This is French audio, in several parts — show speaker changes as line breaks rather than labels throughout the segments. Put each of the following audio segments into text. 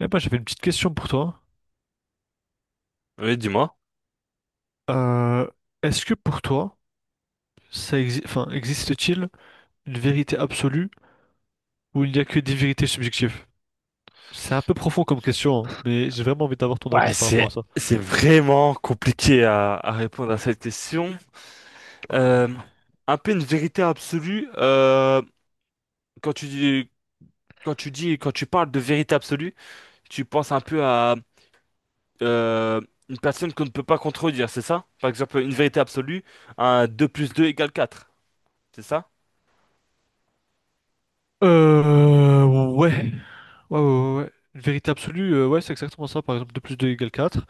Eh ben, j'avais une petite question pour toi.
Oui, dis-moi.
Euh, Est-ce que pour toi, enfin, existe-t-il une vérité absolue ou il n'y a que des vérités subjectives? C'est un peu profond comme question, hein, mais j'ai vraiment envie d'avoir ton
Ouais,
avis par
c'est
rapport à ça.
c'est vraiment compliqué à répondre à cette question. Euh, un peu une vérité absolue. Quand tu dis quand tu parles de vérité absolue, tu penses un peu à euh, une personne qu'on ne peut pas contredire, c'est ça? Par exemple, une vérité absolue, un 2 plus 2 égale 4, c'est ça?
Ouais. Ouais, ouais, ouais, ouais. Une vérité absolue, ouais, c'est exactement ça. Par exemple, 2 plus 2 égale quatre.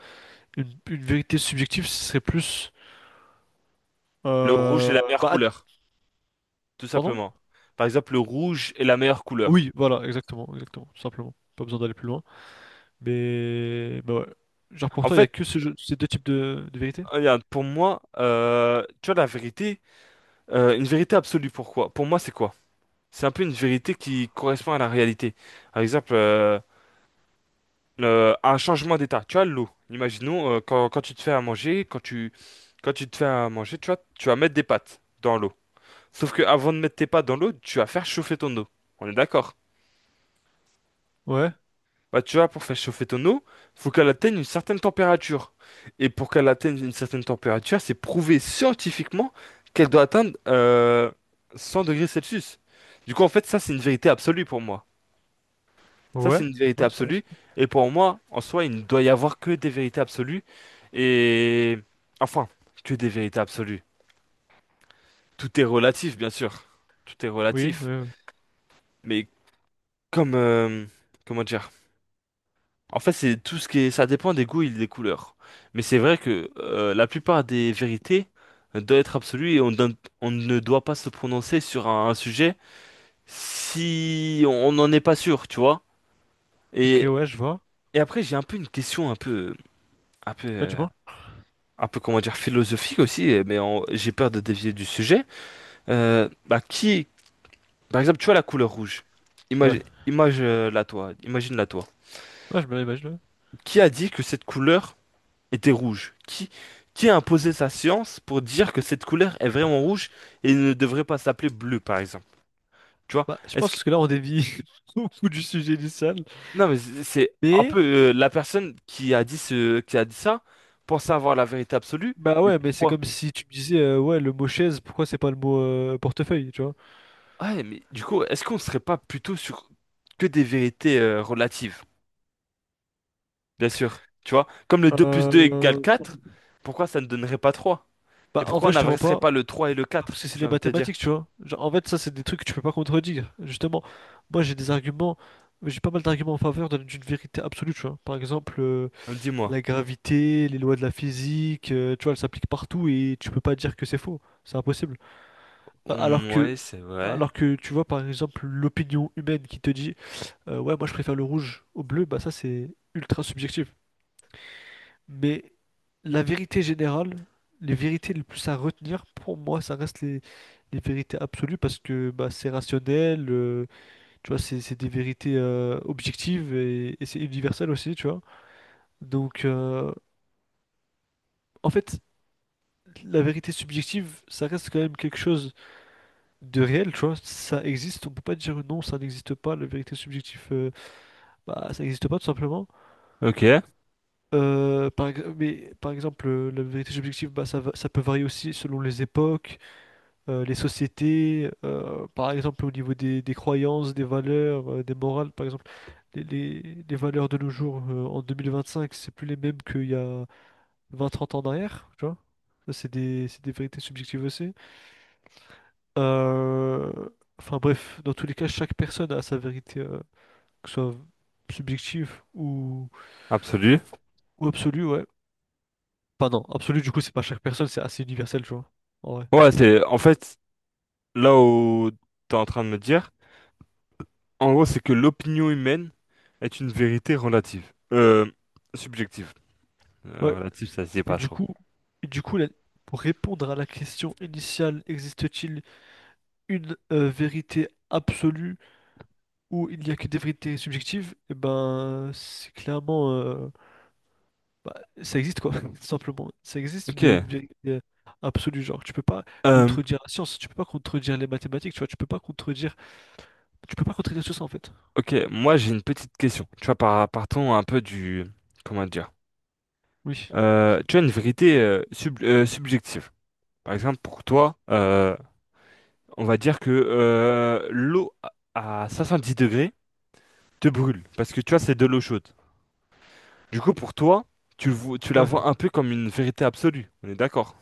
Une vérité subjective, ce serait plus...
Le rouge est
Euh,
la meilleure
bah, ad-
couleur, tout
Pardon?
simplement. Par exemple, le rouge est la meilleure couleur.
Oui, voilà, exactement, exactement, tout simplement. Pas besoin d'aller plus loin. Mais, bah ouais. Genre pour
En
toi, il n'y a
fait,
que ces deux types de vérités?
regarde, pour moi, tu vois, la vérité. Une vérité absolue, pourquoi? Pour moi, c'est quoi? C'est un peu une vérité qui correspond à la réalité. Par exemple, un changement d'état. Tu as l'eau. Imaginons, quand, quand tu te fais à manger, quand tu te fais à manger, tu vois, tu vas mettre des pâtes dans l'eau. Sauf que avant de mettre tes pâtes dans l'eau, tu vas faire chauffer ton eau. On est d'accord?
Ouais,
Bah, tu vois, pour faire chauffer ton eau, faut qu'elle atteigne une certaine température. Et pour qu'elle atteigne une certaine température, c'est prouvé scientifiquement qu'elle doit atteindre 100 degrés Celsius. Du coup, en fait, ça, c'est une vérité absolue pour moi. Ça, c'est
ouais,
une vérité
ouais, ça va, ça
absolue.
va.
Et pour moi, en soi, il ne doit y avoir que des vérités absolues. Et... Enfin, que des vérités absolues. Tout est relatif, bien sûr. Tout est
Oui, ouais,
relatif.
ouais.
Mais comme... euh, comment dire? En fait, c'est tout ce qui est, ça dépend des goûts et des couleurs. Mais c'est vrai que la plupart des vérités doivent être absolues et on ne doit pas se prononcer sur un sujet si on n'en est pas sûr, tu vois.
Ok,
Et,
ouais, je vois.
et après, j'ai un peu une question un peu,
Ouais,
euh,
du moins,
un peu comment dire, philosophique aussi, mais j'ai peur de dévier du sujet. Qui, par exemple, tu vois la couleur rouge.
ouais,
Imagine, imagine-la toi, imagine-la toi.
ouais, je me l'imagine, ouais.
Qui a dit que cette couleur était rouge. Qui a imposé sa science pour dire que cette couleur est vraiment rouge et ne devrait pas s'appeler bleu, par exemple? Tu vois?
Bah, je
Est-ce que...
pense que là, on dévie beaucoup du sujet du sale.
Non, mais c'est un
Mais
peu la personne qui a dit qui a dit ça pensait avoir la vérité absolue,
bah
mais
ouais, mais c'est
pourquoi?
comme si tu me disais, ouais, le mot chaise, pourquoi c'est pas le mot portefeuille, tu vois?
Ouais, mais du coup, est-ce qu'on serait pas plutôt sur que des vérités relatives? Bien sûr, tu vois? Comme le 2 plus 2 égale
Euh,
4. Pourquoi ça ne donnerait pas trois? Et
Bah, en
pourquoi on
vrai, je te mens
n'adresserait
pas,
pas le 3 et le
parce
quatre?
que c'est
J'ai
les
envie de te dire.
mathématiques, tu vois. Genre, en fait, ça, c'est des trucs que tu peux pas contredire, justement. Moi, j'ai des arguments, j'ai pas mal d'arguments en faveur de- d'une vérité absolue, tu vois. Par exemple,
Dis-moi.
la gravité, les lois de la physique, tu vois, elles s'appliquent partout et tu peux pas dire que c'est faux. C'est impossible. A- Alors
Mm,
que,
ouais, c'est vrai.
alors que tu vois, par exemple, l'opinion humaine qui te dit, ouais, moi je préfère le rouge au bleu, bah ça c'est ultra subjectif. Mais la vérité générale, les vérités les plus à retenir, pour moi, ça reste les vérités absolues parce que bah, c'est rationnel, tu vois, c'est des vérités objectives et c'est universel aussi, tu vois. Donc, en fait, la vérité subjective, ça reste quand même quelque chose de réel, tu vois. Ça existe, on peut pas dire non, ça n'existe pas. La vérité subjective, bah, ça n'existe pas tout simplement.
Ok.
Mais par exemple, la vérité subjective, bah, ça peut varier aussi selon les époques, les sociétés, par exemple au niveau des croyances, des valeurs, des morales. Par exemple, les valeurs de nos jours, en 2025, c'est plus les mêmes qu'il y a 20-30 ans en, tu vois. Ça, c'est des vérités subjectives aussi. Euh, Enfin bref, dans tous les cas, chaque personne a sa vérité, que ce soit subjective
Absolu.
ou absolue, ouais. Enfin non, absolue du coup, c'est pas chaque personne, c'est assez universel, tu vois. En vrai.
Ouais, c'est en fait là où t'es en train de me dire, en gros, c'est que l'opinion humaine est une vérité relative. Subjective.
Ouais.
Relative, ça se dit
Et
pas
du
trop.
coup, et du coup, la- pour répondre à la question initiale, existe-t-il une vérité absolue où il n'y a que des vérités subjectives? Eh ben, c'est clairement, bah, ça existe quoi, tout simplement. Ça existe
Ok.
une vérité absolue, genre tu peux pas
Euh,
contredire la science, tu peux pas contredire les mathématiques, tu vois, tu peux pas contredire, tu peux pas contredire tout ça en fait.
ok, moi j'ai une petite question. Tu vois, partons un peu du. Comment dire?
Oui.
Tu as une vérité subjective. Par exemple, pour toi, on va dire que l'eau à 70 degrés te brûle, parce que tu vois, c'est de l'eau chaude. Du coup, pour toi, tu la
Ouais.
vois un peu comme une vérité absolue, on est d'accord?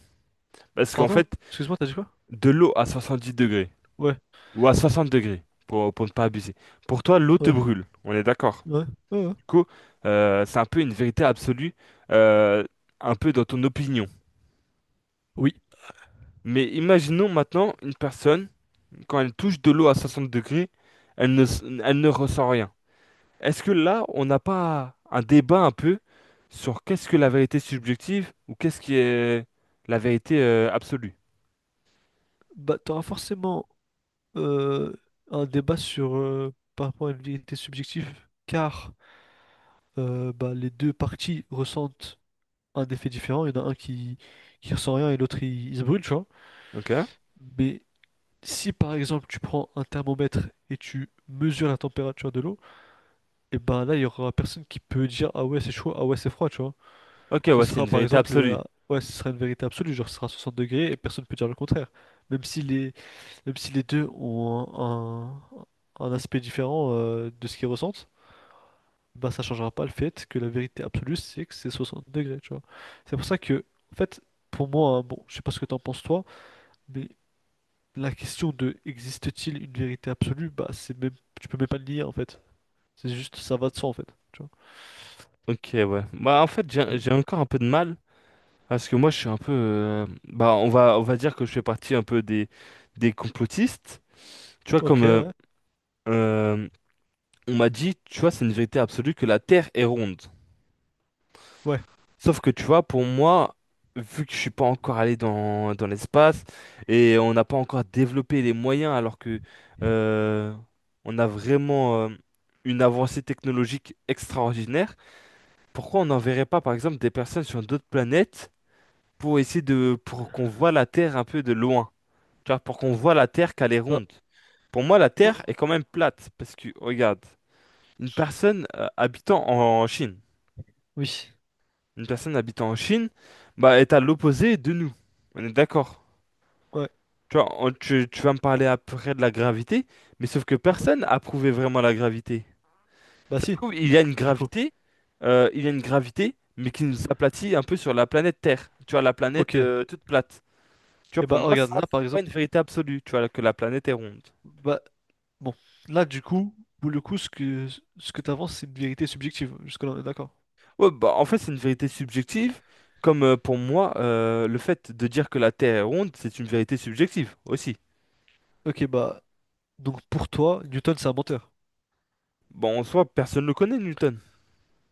Parce qu'en
Pardon?
fait,
Excuse-moi, t'as dit quoi?
de l'eau à 70 degrés,
Ouais.
ou à 60 degrés, pour ne pas abuser, pour toi, l'eau te
Ouais.
brûle, on est d'accord?
Ouais. Ouais, ouais.
Du coup, c'est un peu une vérité absolue, euh, un peu dans ton opinion.
Oui.
Mais imaginons maintenant une personne, quand elle touche de l'eau à 60 degrés, elle ne ressent rien. Est-ce que là, on n'a pas un débat un peu sur qu'est-ce que la vérité subjective ou qu'est-ce qui est la vérité absolue?
Bah t'auras forcément euh, un débat sur par rapport à une vérité subjective, car bah, les deux parties ressentent un effet différent. Il y en a un qui ressent rien et l'autre il se brûle, tu vois.
Ok?
Mais si par exemple tu prends un thermomètre et tu mesures la température de l'eau, et ben là il y aura personne qui peut dire ah ouais c'est chaud, ah ouais c'est froid, tu vois.
Ok,
Ce
ouais, c'est
sera
une
par
vérité
exemple
absolue.
ah ouais ce sera une vérité absolue, genre ce sera 60 degrés et personne peut dire le contraire. Même si les même si les deux ont un- un aspect différent de ce qu'ils ressentent, bah ça changera pas le fait que la vérité absolue c'est que c'est 60 degrés, tu vois. C'est pour ça que en fait pour moi hein, bon je sais pas ce que t'en penses toi, mais la question de existe-t-il une vérité absolue, bah c'est même tu peux même pas le nier en fait. C'est juste ça va de soi en fait. Tu vois.
Ok, ouais. Bah, en fait,
Donc,
j'ai j'ai encore un peu de mal parce que moi, je suis un peu. Bah, on va dire que je fais partie un peu des complotistes. Tu vois,
ok,
comme
ouais.
euh, on m'a dit, tu vois, c'est une vérité absolue que la Terre est ronde.
Ouais.
Sauf que tu vois, pour moi, vu que je suis pas encore allé dans, dans l'espace et on n'a pas encore développé les moyens, alors que euh, on a vraiment une avancée technologique extraordinaire, pourquoi on n'enverrait pas par exemple des personnes sur d'autres planètes pour essayer de pour qu'on voit la Terre un peu de loin, tu vois, pour qu'on voit la Terre qu'elle est
Bah
ronde. Pour moi, la Terre
euh,
est quand même plate parce que regarde, une personne habitant en Chine.
oui.
Une personne habitant en Chine, bah, est à l'opposé de nous. On est d'accord.
Ouais,
Tu vois, tu, tu vas me parler après de la gravité, mais sauf que
ouais.
personne a prouvé vraiment la gravité.
Bah
Ça se
si,
trouve, il y a une
du coup.
gravité, il y a une gravité, mais qui nous aplatit un peu sur la planète Terre. Tu vois, la
Ok.
planète toute plate. Tu vois,
Et
pour
bah
moi,
regarde,
ça,
là par
c'est pas une
exemple,
vérité absolue, tu vois, que la planète est ronde.
bah bon, là du coup, pour le coup, ce que t'avances, c'est une vérité subjective. Jusque-là, on est d'accord.
Ouais, bah, en fait, c'est une vérité subjective, comme pour moi, le fait de dire que la Terre est ronde, c'est une vérité subjective aussi.
Ok, bah donc pour toi, Newton c'est un menteur.
Bon, en soi, personne ne le connaît, Newton.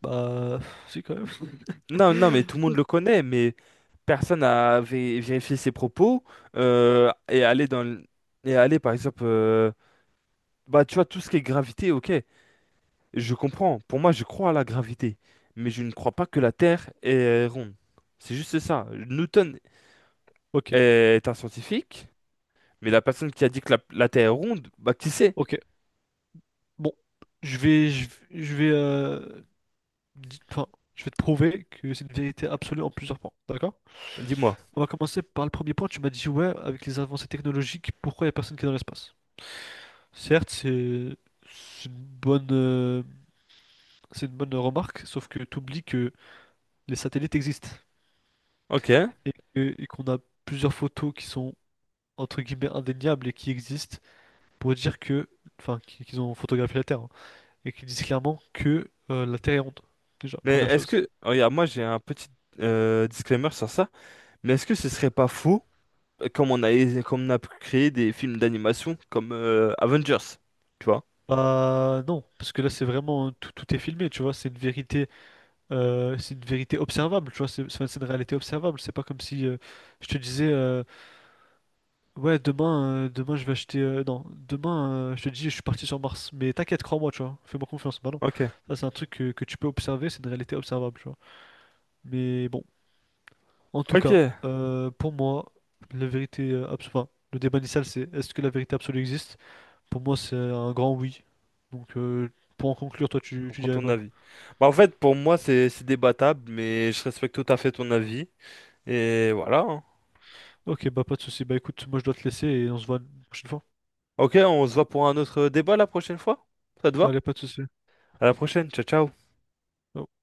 Bah si quand même.
Non, non, mais tout le monde le connaît, mais personne n'a vérifié ses propos et aller dans et aller par exemple, tu vois tout ce qui est gravité, ok, je comprends. Pour moi, je crois à la gravité, mais je ne crois pas que la Terre est ronde. C'est juste ça. Newton
Ok,
est un scientifique, mais la personne qui a dit que la Terre est ronde, bah qui sait?
ok. Bon, je vais enfin, je vais te prouver que c'est une vérité absolue en plusieurs points, d'accord?
Dis-moi.
On va commencer par le premier point. Tu m'as dit, ouais, avec les avancées technologiques, pourquoi il n'y a personne qui est dans l'espace? Certes, c'est une bonne, c'est une bonne remarque, sauf que tu oublies que les satellites existent
Ok.
et qu'on a plusieurs photos qui sont, entre guillemets, indéniables et qui existent pour dire que, enfin, qu'ils ont photographié la Terre hein, et qui disent clairement que la Terre est ronde, déjà,
Mais
première
est-ce
chose.
que, regarde, moi j'ai un petit disclaimer sur ça, mais est-ce que ce serait pas faux? Comme on a, comme on a créé des films d'animation comme Avengers, tu vois.
Bah non, parce que là c'est vraiment tout, tout est filmé, tu vois, c'est une vérité observable, tu vois, c'est une réalité observable, c'est pas comme si je te disais ouais demain demain je vais acheter non, demain je te dis je suis parti sur Mars, mais t'inquiète, crois-moi, tu vois, fais-moi confiance. Bah non,
Ok.
ça c'est un truc que tu peux observer, c'est une réalité observable, tu vois. Mais bon, en tout
Ok,
cas,
je
pour moi, la vérité absolue, enfin, le débat initial c'est est-ce que la vérité absolue existe? Pour moi c'est un grand oui. Donc pour en conclure, toi tu
comprends
dirais
ton
quoi?
avis. Bah, en fait, pour moi, c'est débattable, mais je respecte tout à fait ton avis. Et voilà, hein.
Ok, bah pas de souci. Bah écoute, moi je dois te laisser et on se voit une prochaine fois.
Ok, on se voit pour un autre débat la prochaine fois. Ça te va?
Allez, pas de souci.
À la prochaine, ciao ciao.
Ciao.